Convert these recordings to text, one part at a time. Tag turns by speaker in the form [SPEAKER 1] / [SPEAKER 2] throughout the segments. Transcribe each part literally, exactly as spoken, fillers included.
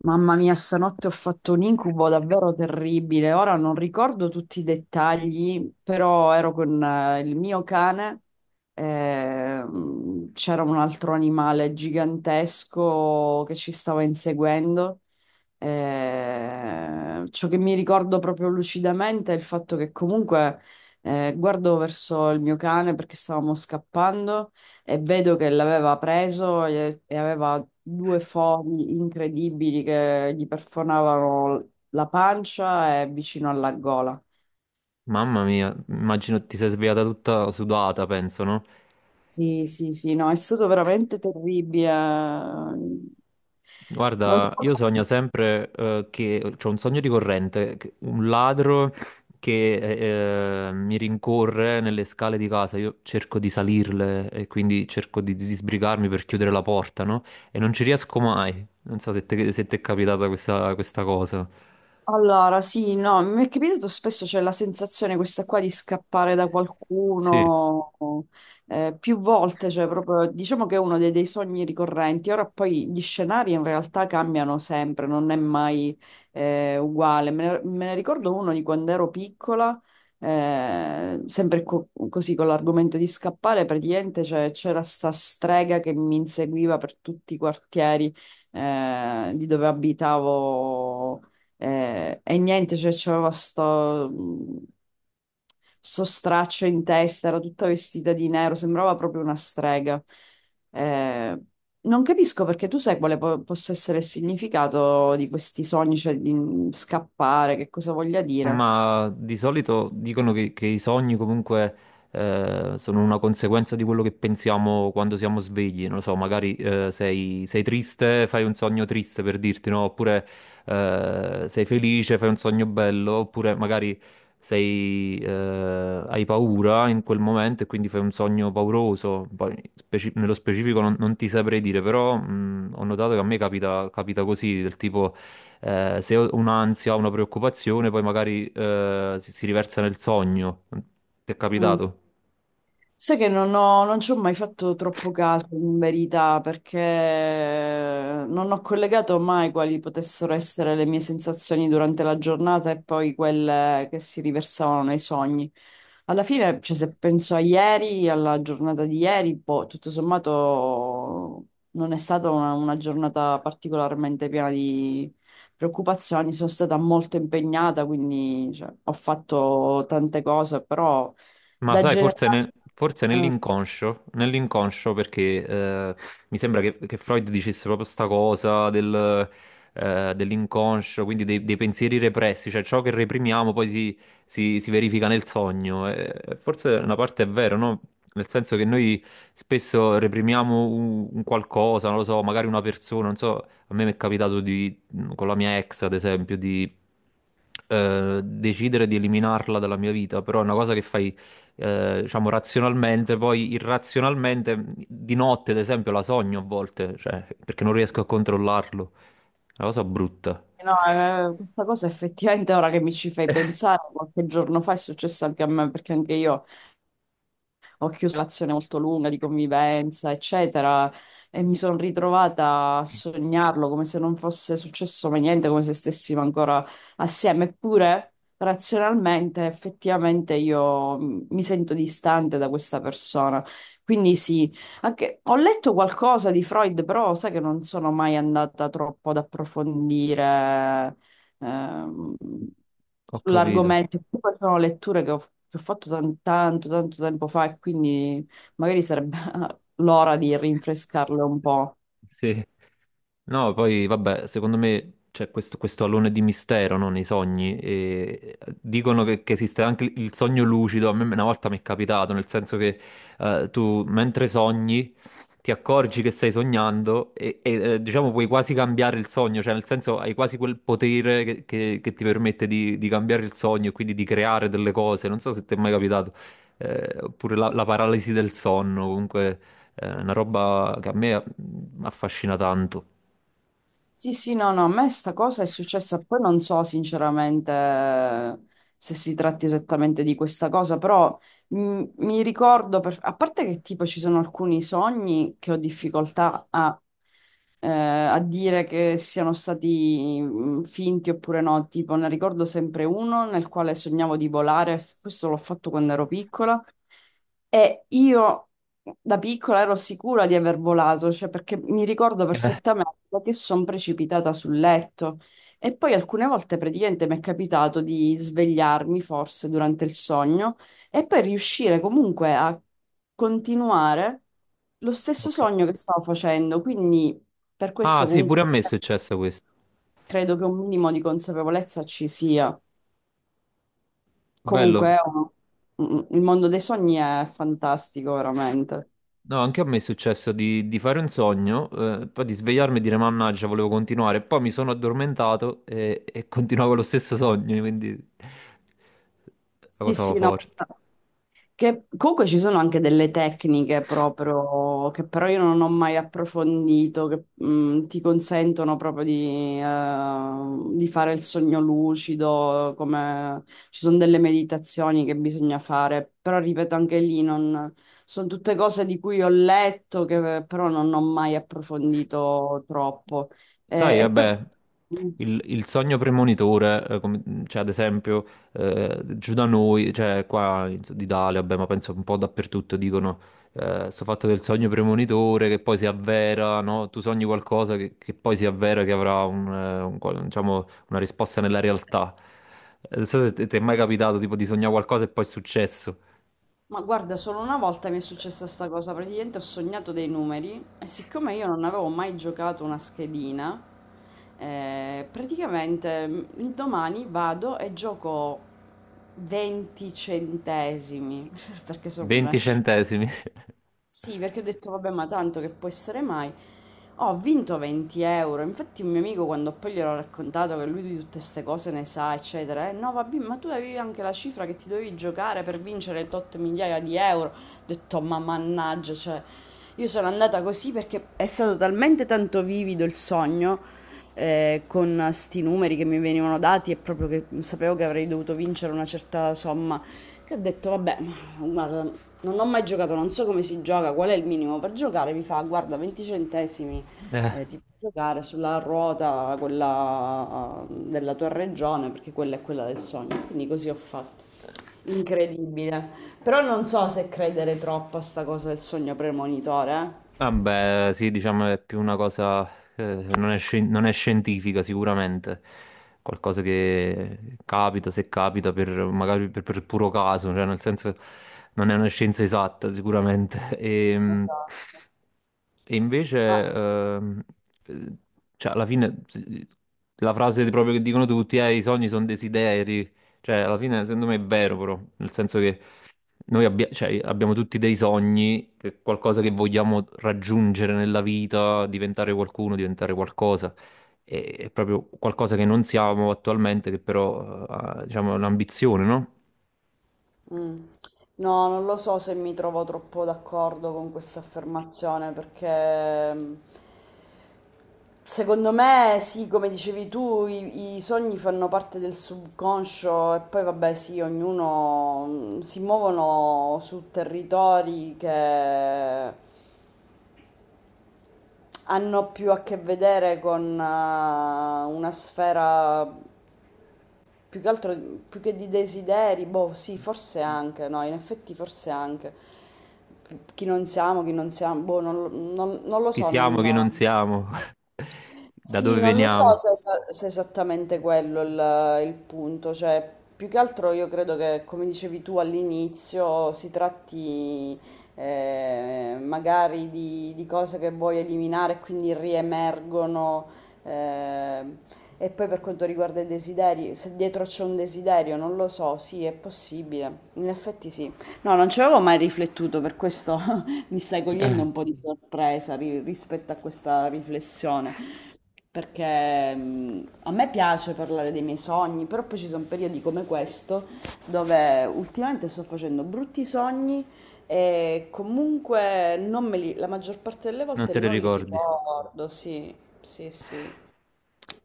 [SPEAKER 1] Mamma mia, stanotte ho fatto un incubo davvero terribile. Ora non ricordo tutti i dettagli, però ero con eh, il mio cane. Ehm, c'era un altro animale gigantesco che ci stava inseguendo. Eh, ciò che mi ricordo proprio lucidamente è il fatto che comunque, eh, guardo verso il mio cane perché stavamo scappando e vedo che l'aveva preso e, e aveva due fori incredibili che gli perforavano la pancia e vicino alla gola.
[SPEAKER 2] Mamma mia, immagino ti sei svegliata tutta sudata, penso, no?
[SPEAKER 1] Sì, sì, sì, no, è stato veramente terribile. Non so.
[SPEAKER 2] Guarda, io sogno sempre eh, che c'ho un sogno ricorrente, che- un ladro che eh, eh, mi rincorre nelle scale di casa, io cerco di salirle e quindi cerco di, di sbrigarmi per chiudere la porta, no? E non ci riesco mai. Non so se te, se ti è capitata questa, questa cosa.
[SPEAKER 1] Allora, sì, no, mi è capitato spesso, c'è la sensazione questa qua di scappare da
[SPEAKER 2] Sì.
[SPEAKER 1] qualcuno eh, più volte, cioè proprio diciamo che è uno dei, dei sogni ricorrenti. Ora poi gli scenari in realtà cambiano sempre, non è mai eh, uguale. Me ne, me ne ricordo uno di quando ero piccola, eh, sempre co- così con l'argomento di scappare, praticamente cioè, c'era sta strega che mi inseguiva per tutti i quartieri eh, di dove abitavo. Eh, e niente, cioè c'aveva sto, mh, sto straccio in testa, era tutta vestita di nero, sembrava proprio una strega. Eh, Non capisco, perché tu sai quale po- possa essere il significato di questi sogni, cioè di mh, scappare, che cosa voglia dire.
[SPEAKER 2] Ma di solito dicono che, che i sogni comunque eh, sono una conseguenza di quello che pensiamo quando siamo svegli. Non lo so, magari eh, sei, sei triste, fai un sogno triste per dirti, no? Oppure eh, sei felice, fai un sogno bello, oppure magari sei, eh, hai paura in quel momento e quindi fai un sogno pauroso. Poi, speci- nello specifico non, non ti saprei dire, però mh, ho notato che a me capita, capita così, del tipo eh, se ho un'ansia, ho una preoccupazione, poi magari eh, si, si riversa nel sogno. Ti è
[SPEAKER 1] Mm.
[SPEAKER 2] capitato?
[SPEAKER 1] Sai che non ho- non ci ho mai fatto troppo caso, in verità, perché non ho collegato mai quali potessero essere le mie sensazioni durante la giornata e poi quelle che si riversavano nei sogni. Alla fine, cioè, se penso a ieri, alla giornata di ieri, boh, tutto sommato non è stata una, una giornata particolarmente piena di preoccupazioni, sono stata molto impegnata, quindi, cioè, ho fatto tante cose, però
[SPEAKER 2] Ma
[SPEAKER 1] da
[SPEAKER 2] sai,
[SPEAKER 1] generale...
[SPEAKER 2] forse, ne- forse
[SPEAKER 1] eh,
[SPEAKER 2] nell'inconscio, nell'inconscio perché eh, mi sembra che, che Freud dicesse proprio sta cosa del, eh, dell'inconscio, quindi dei, dei pensieri repressi, cioè ciò che reprimiamo poi si, si- si verifica nel sogno. E forse una parte è vero, no? Nel senso che noi spesso reprimiamo un, un qualcosa, non lo so, magari una persona, non so, a me mi è capitato di, con la mia ex, ad esempio, di eh, decidere di eliminarla dalla mia vita, però è una cosa che fai eh, diciamo razionalmente, poi irrazionalmente di notte, ad esempio, la sogno a volte, cioè, perché non riesco a controllarlo. È una cosa brutta.
[SPEAKER 1] No, eh, questa cosa effettivamente ora che mi ci fai pensare, qualche giorno fa è successo anche a me, perché anche io ho chiuso una relazione molto lunga di convivenza, eccetera, e mi sono ritrovata a sognarlo come se non fosse successo mai niente, come se stessimo ancora assieme. Eppure, razionalmente, effettivamente io mm, mi sento distante da questa persona. Quindi sì, anche- ho letto qualcosa di Freud, però sai che non sono mai andata troppo ad approfondire ehm,
[SPEAKER 2] Ho capito.
[SPEAKER 1] sull'argomento. Poi sono letture che ho, che ho fatto tan- tanto, tanto tempo fa, e quindi magari sarebbe l'ora di rinfrescarle un po'.
[SPEAKER 2] Sì. No, poi vabbè, secondo me c'è questo, questo alone di mistero, no, nei sogni. E dicono che, che esiste anche il il sogno lucido. A me una volta mi è capitato, nel senso che eh, tu mentre sogni ti accorgi che stai sognando e, e, eh, diciamo puoi quasi cambiare il sogno, cioè nel senso hai quasi quel potere che, che- che ti permette di, di cambiare il sogno e quindi di creare delle cose. Non so se ti è mai capitato, eh, oppure la, la paralisi del sonno, comunque è una roba che a me mm, affascina tanto.
[SPEAKER 1] Sì, sì, no, no, a me sta cosa è successa, poi non so sinceramente se si tratti esattamente di questa cosa, però mm, mi ricordo, per- a parte che tipo ci sono alcuni sogni che ho difficoltà a, eh, a dire che siano stati mm, finti oppure no. Tipo, ne ricordo sempre uno nel quale sognavo di volare, s- questo l'ho fatto quando ero piccola, e io da piccola ero sicura di aver volato, cioè perché mi ricordo
[SPEAKER 2] Eh,
[SPEAKER 1] perfettamente che sono precipitata sul letto. E poi alcune volte praticamente mi è capitato di svegliarmi forse durante il sogno e poi riuscire comunque a continuare lo stesso
[SPEAKER 2] ok.
[SPEAKER 1] sogno che stavo facendo, quindi per
[SPEAKER 2] Ah,
[SPEAKER 1] questo
[SPEAKER 2] sì,
[SPEAKER 1] comunque
[SPEAKER 2] pure a me è successo questo.
[SPEAKER 1] credo che un minimo di consapevolezza ci sia.
[SPEAKER 2] Bello.
[SPEAKER 1] Comunque è un- mm, mm, il mondo dei sogni è fantastico, veramente.
[SPEAKER 2] No, anche a me è successo di, di fare un sogno, eh, poi di svegliarmi e dire mannaggia, volevo continuare. Poi mi sono addormentato e, e continuavo lo stesso sogno, quindi la
[SPEAKER 1] Sì,
[SPEAKER 2] cosa
[SPEAKER 1] sì, no.
[SPEAKER 2] forte.
[SPEAKER 1] Che comunque ci sono anche delle tecniche proprio che però io non ho mai approfondito, che mh, ti consentono proprio di, eh, di fare il sogno lucido, come ci sono delle meditazioni che bisogna fare, però ripeto anche lì non, sono tutte cose di cui ho letto che però non ho mai approfondito troppo. Eh,
[SPEAKER 2] Sai,
[SPEAKER 1] e poi
[SPEAKER 2] vabbè,
[SPEAKER 1] mhmm,
[SPEAKER 2] il, il sogno premonitore, eh, come- cioè ad esempio eh, giù da noi, cioè qua in Sud Italia, vabbè, ma penso un po' dappertutto dicono eh, sto fatto del sogno premonitore che poi si avvera, no? Tu sogni qualcosa che, che poi si avvera, che avrà un, eh, un qual- diciamo, una risposta nella realtà. Eh, Non so se te- ti è mai capitato tipo di sognare qualcosa e poi è successo.
[SPEAKER 1] ma guarda, solo una volta mi è successa sta cosa, praticamente ho sognato dei numeri e siccome io non avevo mai giocato una schedina, eh, praticamente mm, il domani vado e gioco venti centesimi, perché sono una
[SPEAKER 2] venti
[SPEAKER 1] sciocca.
[SPEAKER 2] centesimi.
[SPEAKER 1] Sì, perché ho detto, vabbè, ma tanto che può essere mai. Ho vinto venti euro. Infatti, un mio amico, quando poi gliel'ho raccontato, che lui di tutte queste cose ne sa, eccetera, eh no, vabbè, ma tu avevi anche la cifra che ti dovevi giocare per vincere tot migliaia di euro. Ho detto, ma mannaggia, cioè, io sono andata così perché è stato talmente tanto vivido il sogno. Eh, con sti numeri che mi venivano dati, e proprio che sapevo che avrei dovuto vincere una certa somma, che ho detto, vabbè, ma guarda, non ho mai giocato, non so come si gioca, qual è il minimo per giocare. Mi fa, guarda, venti centesimi, eh, ti puoi giocare sulla ruota, quella eh, della tua regione, perché quella è quella del sogno. Quindi così ho fatto.
[SPEAKER 2] Eh.
[SPEAKER 1] Incredibile. Però non so se credere troppo a sta cosa del sogno premonitore. Eh.
[SPEAKER 2] Vabbè, sì, diciamo è più una cosa, eh, non è, scien- non è scientifica sicuramente, qualcosa che capita, se capita, per, magari per, per puro caso, cioè nel senso non è una scienza esatta sicuramente. E, mm,
[SPEAKER 1] Esatto.
[SPEAKER 2] e
[SPEAKER 1] Ah,
[SPEAKER 2] invece, ehm, eh, cioè alla fine sì, la frase proprio che dicono tutti è i sogni sono desideri, cioè, alla fine, secondo me è vero, però, nel senso che noi abbia- cioè, abbiamo tutti dei sogni, che- qualcosa che vogliamo raggiungere nella vita, diventare qualcuno, diventare qualcosa. E- È proprio qualcosa che non siamo attualmente, che però, eh, ha- diciamo, è un'ambizione, no?
[SPEAKER 1] mm. No, non lo so se mi trovo troppo d'accordo con questa affermazione perché... mm, secondo me, sì, come dicevi tu, i, i sogni fanno parte del subconscio e poi vabbè, sì, ognuno mm, si muovono su territori che hanno più a che vedere con eh, una sfera più che altro, più che di desideri, boh, sì, forse anche, no, in effetti forse anche. Chi non siamo, chi non siamo, boh, non, lo non- non lo
[SPEAKER 2] Chi
[SPEAKER 1] so,
[SPEAKER 2] siamo,
[SPEAKER 1] non...
[SPEAKER 2] chi non siamo, da
[SPEAKER 1] Sì,
[SPEAKER 2] dove
[SPEAKER 1] non lo so
[SPEAKER 2] veniamo.
[SPEAKER 1] se, esa- se è esattamente quello il, il punto, cioè più che altro io credo che, come dicevi tu all'inizio, si tratti eh, magari di, di cose che vuoi eliminare e quindi riemergono. Eh, e poi per quanto riguarda i desideri, se dietro c'è un desiderio, non lo so, sì, è possibile, in effetti sì. No, non ci avevo mai riflettuto, per questo. Mi stai cogliendo
[SPEAKER 2] Eh,
[SPEAKER 1] un po' di sorpresa ri- rispetto a questa riflessione, perché mh, a me piace parlare dei miei sogni, però poi ci sono periodi come questo dove ultimamente sto facendo brutti sogni e comunque non me li, la maggior parte delle
[SPEAKER 2] Non
[SPEAKER 1] volte
[SPEAKER 2] te le
[SPEAKER 1] non li
[SPEAKER 2] ricordi.
[SPEAKER 1] ricordo, sì, sì, sì.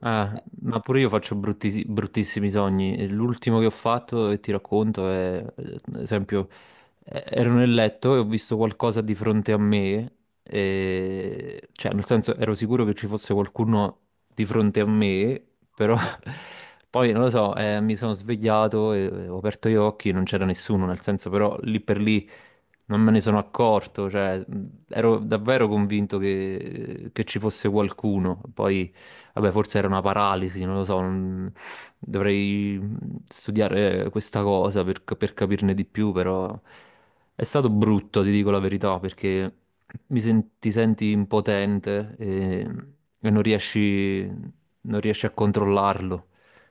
[SPEAKER 2] Ah, ma pure io faccio brutti- bruttissimi sogni. E L'ultimo che ho fatto, e ti racconto, è, ad esempio, eh, ero nel letto e ho visto qualcosa di fronte a me, e- cioè, nel senso, ero sicuro che ci fosse qualcuno di fronte a me, però poi, non lo so, eh, mi sono svegliato e e ho aperto gli occhi e non c'era nessuno, nel senso, però lì per lì non me ne sono accorto, cioè, mh, ero davvero convinto che, che ci fosse qualcuno, poi. Vabbè, forse era una paralisi, non lo so, non- dovrei studiare questa cosa per, per capirne di più, però è stato brutto, ti dico la verità, perché mi sen- ti senti impotente e, e non riesci... Non riesci a controllarlo.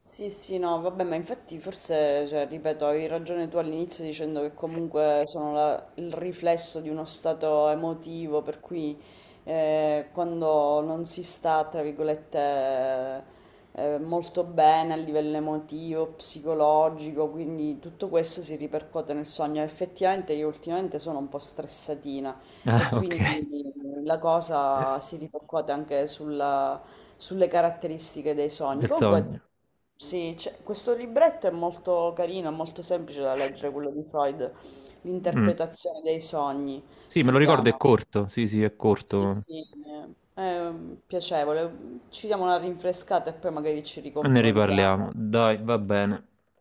[SPEAKER 1] Sì, sì, no, vabbè, ma infatti forse, cioè, ripeto, avevi ragione tu all'inizio dicendo che comunque sono la- il riflesso di uno stato emotivo, per cui eh, quando non si sta, tra virgolette, eh, eh, molto bene a livello emotivo, psicologico, quindi tutto questo si ripercuote nel sogno. Effettivamente io ultimamente sono un po' stressatina, e
[SPEAKER 2] Ah, ok,
[SPEAKER 1] quindi la cosa si ripercuote anche sulla, sulle caratteristiche dei sogni.
[SPEAKER 2] del
[SPEAKER 1] Comunque,
[SPEAKER 2] sogno.
[SPEAKER 1] sì, c'è- questo libretto è molto carino, è molto semplice da leggere, quello di Freud,
[SPEAKER 2] Mm.
[SPEAKER 1] L'interpretazione dei sogni
[SPEAKER 2] Sì, me lo
[SPEAKER 1] si
[SPEAKER 2] ricordo,
[SPEAKER 1] chiama.
[SPEAKER 2] è corto, sì, sì, è
[SPEAKER 1] Sì,
[SPEAKER 2] corto.
[SPEAKER 1] sì, eh, è piacevole. Ci diamo una rinfrescata e poi magari ci
[SPEAKER 2] Ne riparliamo,
[SPEAKER 1] riconfrontiamo.
[SPEAKER 2] dai, va bene.